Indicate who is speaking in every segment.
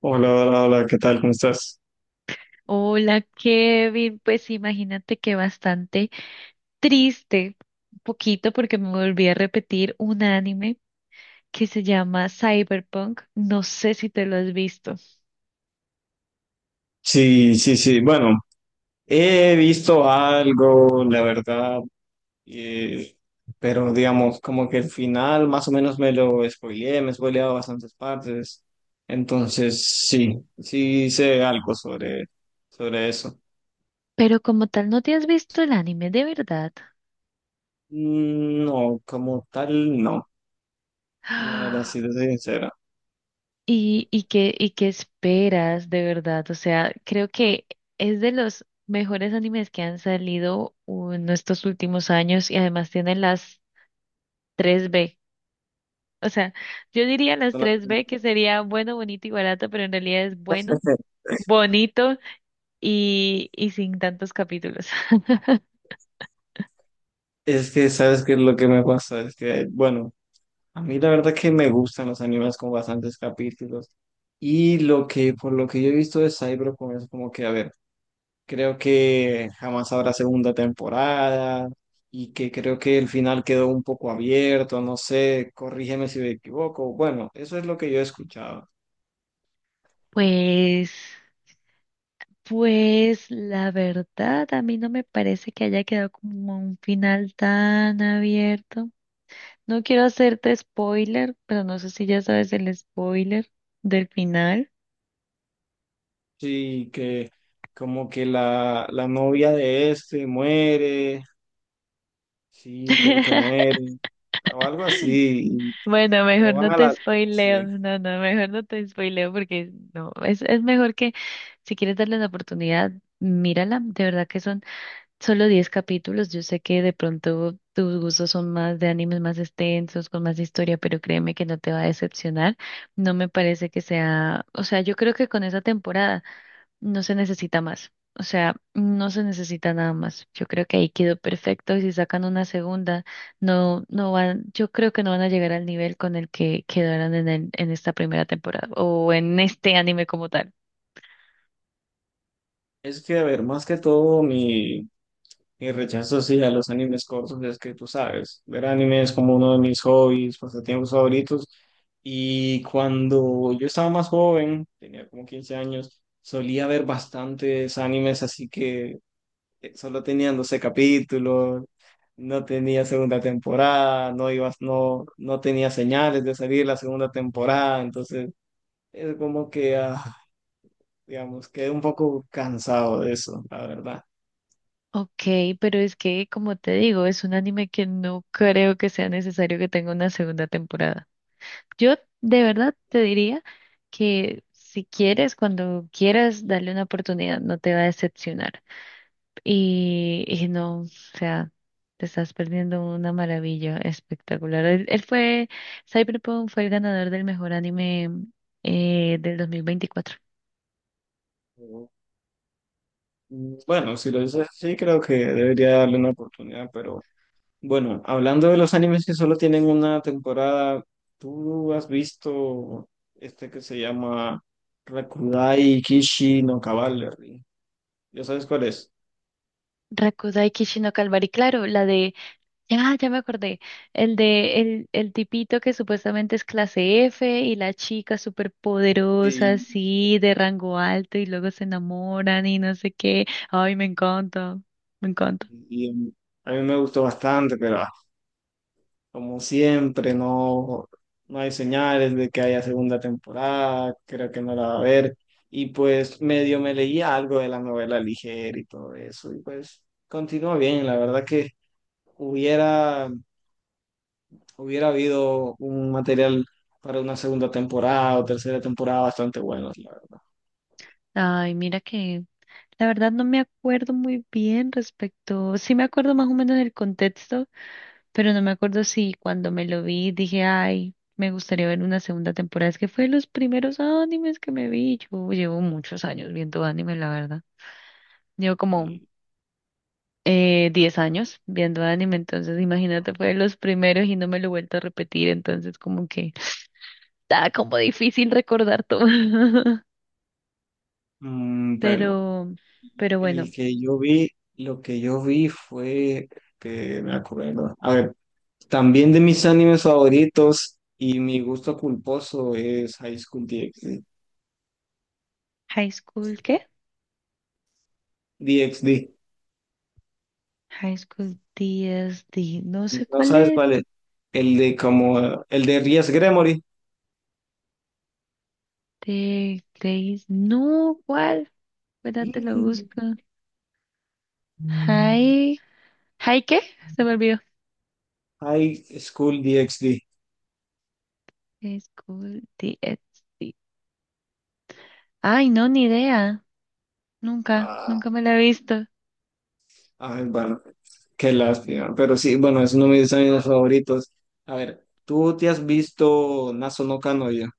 Speaker 1: Hola, hola, hola, ¿qué tal? ¿Cómo estás?
Speaker 2: Hola Kevin, pues imagínate que bastante triste, un poquito porque me volví a repetir un anime que se llama Cyberpunk, no sé si te lo has visto,
Speaker 1: Sí, sí, sí. Bueno, he visto algo, la verdad, eh, pero digamos, como que el final más o menos me lo spoileé, me he spoileado bastantes partes. Entonces, sí, sí sé algo sobre eso.
Speaker 2: pero como tal no te has visto el anime de verdad.
Speaker 1: Mm, no, como tal, no. La verdad, sí,
Speaker 2: Ah,
Speaker 1: te soy sincera.
Speaker 2: y qué esperas de verdad? O sea, creo que es de los mejores animes que han salido en estos últimos años y además tiene las 3B. O sea, yo diría
Speaker 1: Es
Speaker 2: las
Speaker 1: una-
Speaker 2: tres B, que sería bueno, bonito y barato, pero en realidad es bueno, bonito y sin tantos capítulos.
Speaker 1: Es que, ¿sabes qué es lo que me pasa? Es que, bueno. A mí la verdad que me gustan los animes con bastantes capítulos. Por lo que yo he visto de Cyberpunk es como que, a ver, creo que jamás habrá segunda temporada y que creo que el final quedó un poco abierto, no sé, corrígeme si me equivoco. Bueno, eso es lo que yo he escuchado.
Speaker 2: Pues, pues la verdad, a mí no me parece que haya quedado como un final tan abierto. No quiero hacerte spoiler, pero no sé si ya sabes el spoiler del final.
Speaker 1: Sí, que como que la novia de este muere, sí, creo que muere, o algo así.
Speaker 2: Bueno,
Speaker 1: pero
Speaker 2: mejor
Speaker 1: van
Speaker 2: no
Speaker 1: a
Speaker 2: te
Speaker 1: la...
Speaker 2: spoileo.
Speaker 1: sí.
Speaker 2: No, no, mejor no te spoileo porque no, es mejor que si quieres darle la oportunidad, mírala. De verdad que son solo 10 capítulos. Yo sé que de pronto tus gustos son más de animes más extensos, con más historia, pero créeme que no te va a decepcionar. No me parece que sea, o sea, yo creo que con esa temporada. No se necesita más. O sea, no se necesita nada más. Yo creo que ahí quedó perfecto. Y si sacan una segunda, no, no van, yo creo que no van a llegar al nivel con el que quedaron en en esta primera temporada o en este anime como tal.
Speaker 1: Es que, a ver, más que todo mi rechazo sí a los animes cortos es que tú sabes, ver anime es como uno de mis hobbies, pasatiempos favoritos. Y cuando yo estaba más joven, tenía como 15 años, solía ver bastantes animes, así que solo tenían 12 capítulos, no tenía segunda temporada, no ibas, no, no tenía señales de salir la segunda temporada, entonces es como que, ah, digamos, quedé un poco cansado de eso, la verdad.
Speaker 2: Ok, pero es que, como te digo, es un anime que no creo que sea necesario que tenga una segunda temporada. Yo de verdad te diría que si quieres, cuando quieras, darle una oportunidad, no te va a decepcionar. Y no, o sea, te estás perdiendo una maravilla espectacular. Cyberpunk fue el ganador del mejor anime del 2024.
Speaker 1: Bueno, si lo dices así, creo que debería darle una oportunidad, pero bueno, hablando de los animes que solo tienen una temporada, ¿tú has visto este que se llama Rakudai Kishi no Cavalry? ¿Ya sabes cuál es?
Speaker 2: Rakudai Kishino Calvary, claro, la de, ya me acordé, el de el tipito que supuestamente es clase F y la chica súper poderosa,
Speaker 1: Sí,
Speaker 2: así, de rango alto y luego se enamoran y no sé qué. Ay, me encanta, me encanta.
Speaker 1: y, a mí me gustó bastante, pero como siempre, no, no hay señales de que haya segunda temporada, creo que no la va a haber. Y pues medio me leía algo de la novela ligera y todo eso, y pues continúa bien. La verdad que hubiera, hubiera habido un material para una segunda temporada o tercera temporada bastante bueno, la verdad.
Speaker 2: Ay, mira que la verdad no me acuerdo muy bien respecto, sí me acuerdo más o menos del contexto, pero no me acuerdo si cuando me lo vi dije, ay, me gustaría ver una segunda temporada. Es que fue de los primeros animes que me vi. Yo llevo muchos años viendo anime, la verdad. Llevo como
Speaker 1: Y,
Speaker 2: 10 años viendo anime, entonces imagínate, fue de los primeros y no me lo he vuelto a repetir, entonces como que está como difícil recordar todo.
Speaker 1: bueno,
Speaker 2: Pero, pero
Speaker 1: el
Speaker 2: bueno,
Speaker 1: que yo vi, lo que yo vi fue, que me acuerdo, a ver. También de mis animes favoritos y mi gusto culposo es High School DxD.
Speaker 2: High School, ¿qué?
Speaker 1: DxD.
Speaker 2: High School D, S D. No sé
Speaker 1: ¿No
Speaker 2: cuál
Speaker 1: sabes
Speaker 2: es.
Speaker 1: cuál es? El de como el de Ries Gremory.
Speaker 2: De Grace. No, ¿cuál? Espera, te lo
Speaker 1: Y-
Speaker 2: busco.
Speaker 1: el-
Speaker 2: High. ¿High qué? Se me olvidó.
Speaker 1: High School DxD.
Speaker 2: High School D. S D. Ay, no, ni idea. Nunca, nunca
Speaker 1: Ah,
Speaker 2: me la he visto.
Speaker 1: ay, bueno, qué lástima. Pero sí, bueno, es uno de mis animes favoritos. A ver, ¿tú te has visto Naso no Kanoya?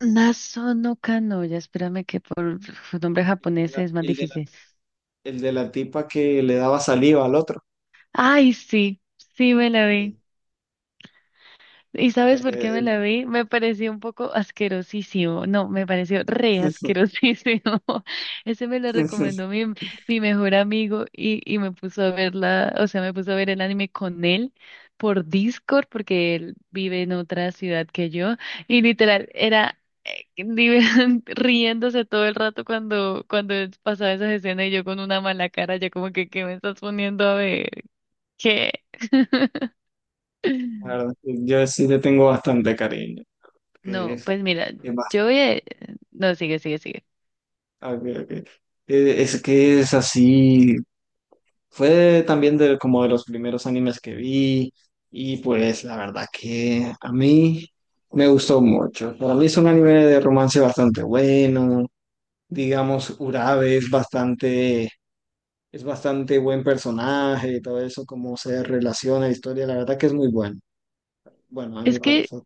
Speaker 2: Naso no Kanoya. Espérame que por uf, nombre
Speaker 1: El,
Speaker 2: japonés
Speaker 1: de
Speaker 2: es más
Speaker 1: el de la
Speaker 2: difícil.
Speaker 1: el de la tipa que le daba saliva al otro.
Speaker 2: Ay, sí, sí me la
Speaker 1: Sí.
Speaker 2: vi. ¿Y sabes por qué me
Speaker 1: Eh,
Speaker 2: la vi? Me pareció un poco asquerosísimo. No, me pareció re asquerosísimo. Ese me lo
Speaker 1: eh,
Speaker 2: recomendó mi mejor amigo y me puso a verla, o sea, me puso a ver el anime con él por Discord porque él vive en otra ciudad que yo y literal era riéndose todo el rato cuando pasaba esas escenas y yo con una mala cara, ya como que, ¿qué me estás poniendo a ver? ¿Qué?
Speaker 1: La verdad, yo sí le tengo bastante cariño, que
Speaker 2: No,
Speaker 1: es,
Speaker 2: pues mira,
Speaker 1: es
Speaker 2: yo voy a... No, sigue, sigue, sigue.
Speaker 1: bastante, es que es así, fue también de, como de los primeros animes que vi y pues la verdad que a mí me gustó mucho. Para mí es un anime de romance bastante bueno, digamos, Urabe es bastante buen personaje y todo eso, cómo se relaciona la historia, la verdad que es muy bueno. Bueno, a mí me
Speaker 2: Es que
Speaker 1: parece.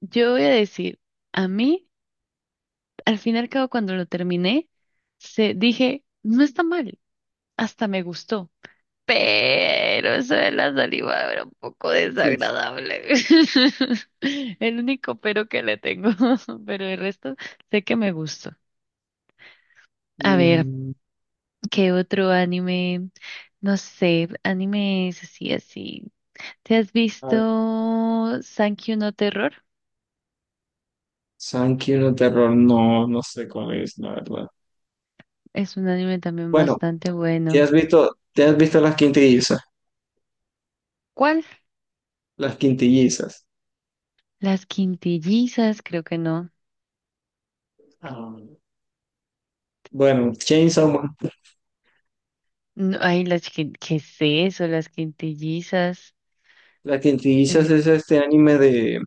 Speaker 2: yo voy a decir, a mí, al fin y al cabo, cuando lo terminé, se, dije, no está mal, hasta me gustó, pero eso de la saliva era un poco
Speaker 1: Sí.
Speaker 2: desagradable. El único pero que le tengo, pero el resto sé que me gustó. A ver,
Speaker 1: Mm.
Speaker 2: ¿qué otro anime? No sé, animes así, así. ¿Te has visto Sankyu no Terror?
Speaker 1: Sankey Sankiuno Terror, no, no sé cuál es, la verdad.
Speaker 2: Es un anime también
Speaker 1: Bueno,
Speaker 2: bastante bueno.
Speaker 1: te has visto las quintillizas?
Speaker 2: ¿Cuál?
Speaker 1: Las quintillizas.
Speaker 2: Las quintillizas, creo que no.
Speaker 1: Ah, bueno, Chainsaw Man.
Speaker 2: No, ay, las que, ¿qué es eso? Las quintillizas.
Speaker 1: Las quintillizas
Speaker 2: Eh,
Speaker 1: es este anime de,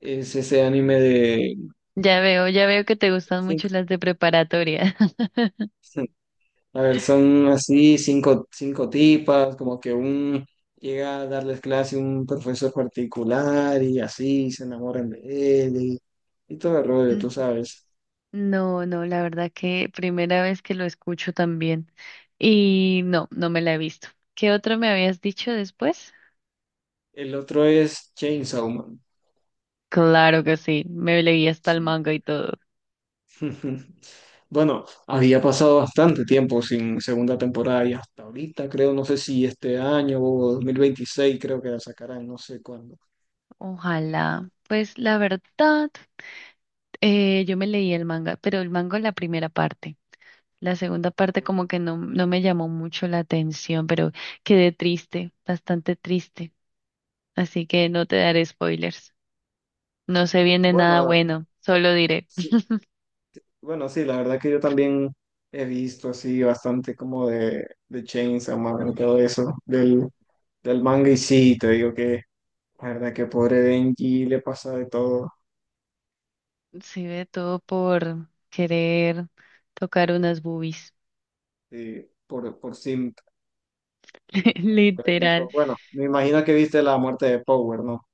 Speaker 1: es ese anime de
Speaker 2: ya veo que te gustan mucho
Speaker 1: cinco-
Speaker 2: las de preparatoria.
Speaker 1: A ver, son así cinco, cinco tipas, como que un llega a darles clase un profesor particular y así se enamoran de él y todo el rollo, tú
Speaker 2: N-
Speaker 1: sabes.
Speaker 2: No, no, la verdad que primera vez que lo escucho también. Y no, no me la he visto. ¿Qué otro me habías dicho después?
Speaker 1: El otro es Chainsaw Man.
Speaker 2: Claro que sí, me leí hasta el manga y todo.
Speaker 1: Bueno, había pasado bastante tiempo sin segunda temporada y hasta ahorita creo, no sé si este año o 2026 creo que la sacarán, no sé cuándo.
Speaker 2: Ojalá. Pues la verdad, yo me leí el manga, pero el manga la primera parte. La segunda parte como que no, no me llamó mucho la atención, pero quedé triste, bastante triste. Así que no te daré spoilers. No se viene
Speaker 1: Bueno,
Speaker 2: nada
Speaker 1: la-
Speaker 2: bueno, solo diré.
Speaker 1: sí, bueno, sí, la verdad que yo también he visto así bastante como de, Chainsaw Man y todo eso, del manga y sí, te digo que la verdad que pobre Denji le pasa de todo
Speaker 2: Se ve todo por querer tocar unas boobies,
Speaker 1: sí, por
Speaker 2: literal.
Speaker 1: ejemplo. Bueno, me imagino que viste la muerte de Power, ¿no?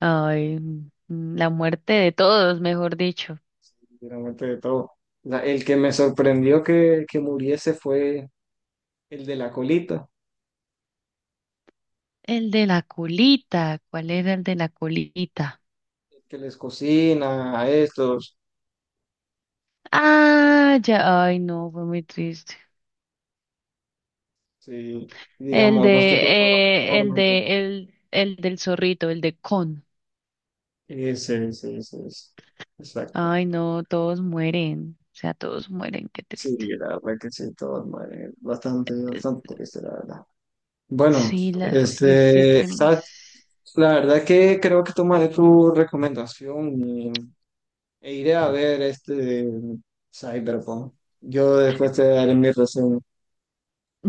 Speaker 2: Ay, mm, la muerte de todos, mejor dicho.
Speaker 1: De la muerte de todo. O el que me sorprendió que muriese fue el de la colita,
Speaker 2: El de la colita, ¿cuál era el de la colita?
Speaker 1: el que les cocina a estos,
Speaker 2: Ah, ya, ay no, fue muy triste.
Speaker 1: sí, digamos, más que todo la forma y todo.
Speaker 2: El del zorrito, el de Con.
Speaker 1: Ese, ese, ese, ese. Exacto.
Speaker 2: Ay, no, todos mueren. O sea, todos mueren, qué
Speaker 1: Sí,
Speaker 2: triste.
Speaker 1: la verdad que sí, todo madre, bastante,
Speaker 2: Es-
Speaker 1: bastante triste, la verdad. Bueno,
Speaker 2: Sí, la, tristísimo.
Speaker 1: ¿sabes? La verdad que creo que tomaré tu recomendación e iré a ver este Cyberpunk. Yo después te daré mi reseña.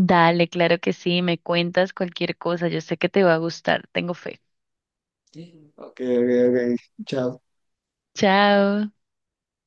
Speaker 2: Dale, claro que sí, me cuentas cualquier cosa. Yo sé que te va a gustar, tengo fe.
Speaker 1: Sí. Ok, ok, ok. Chao.
Speaker 2: Chao.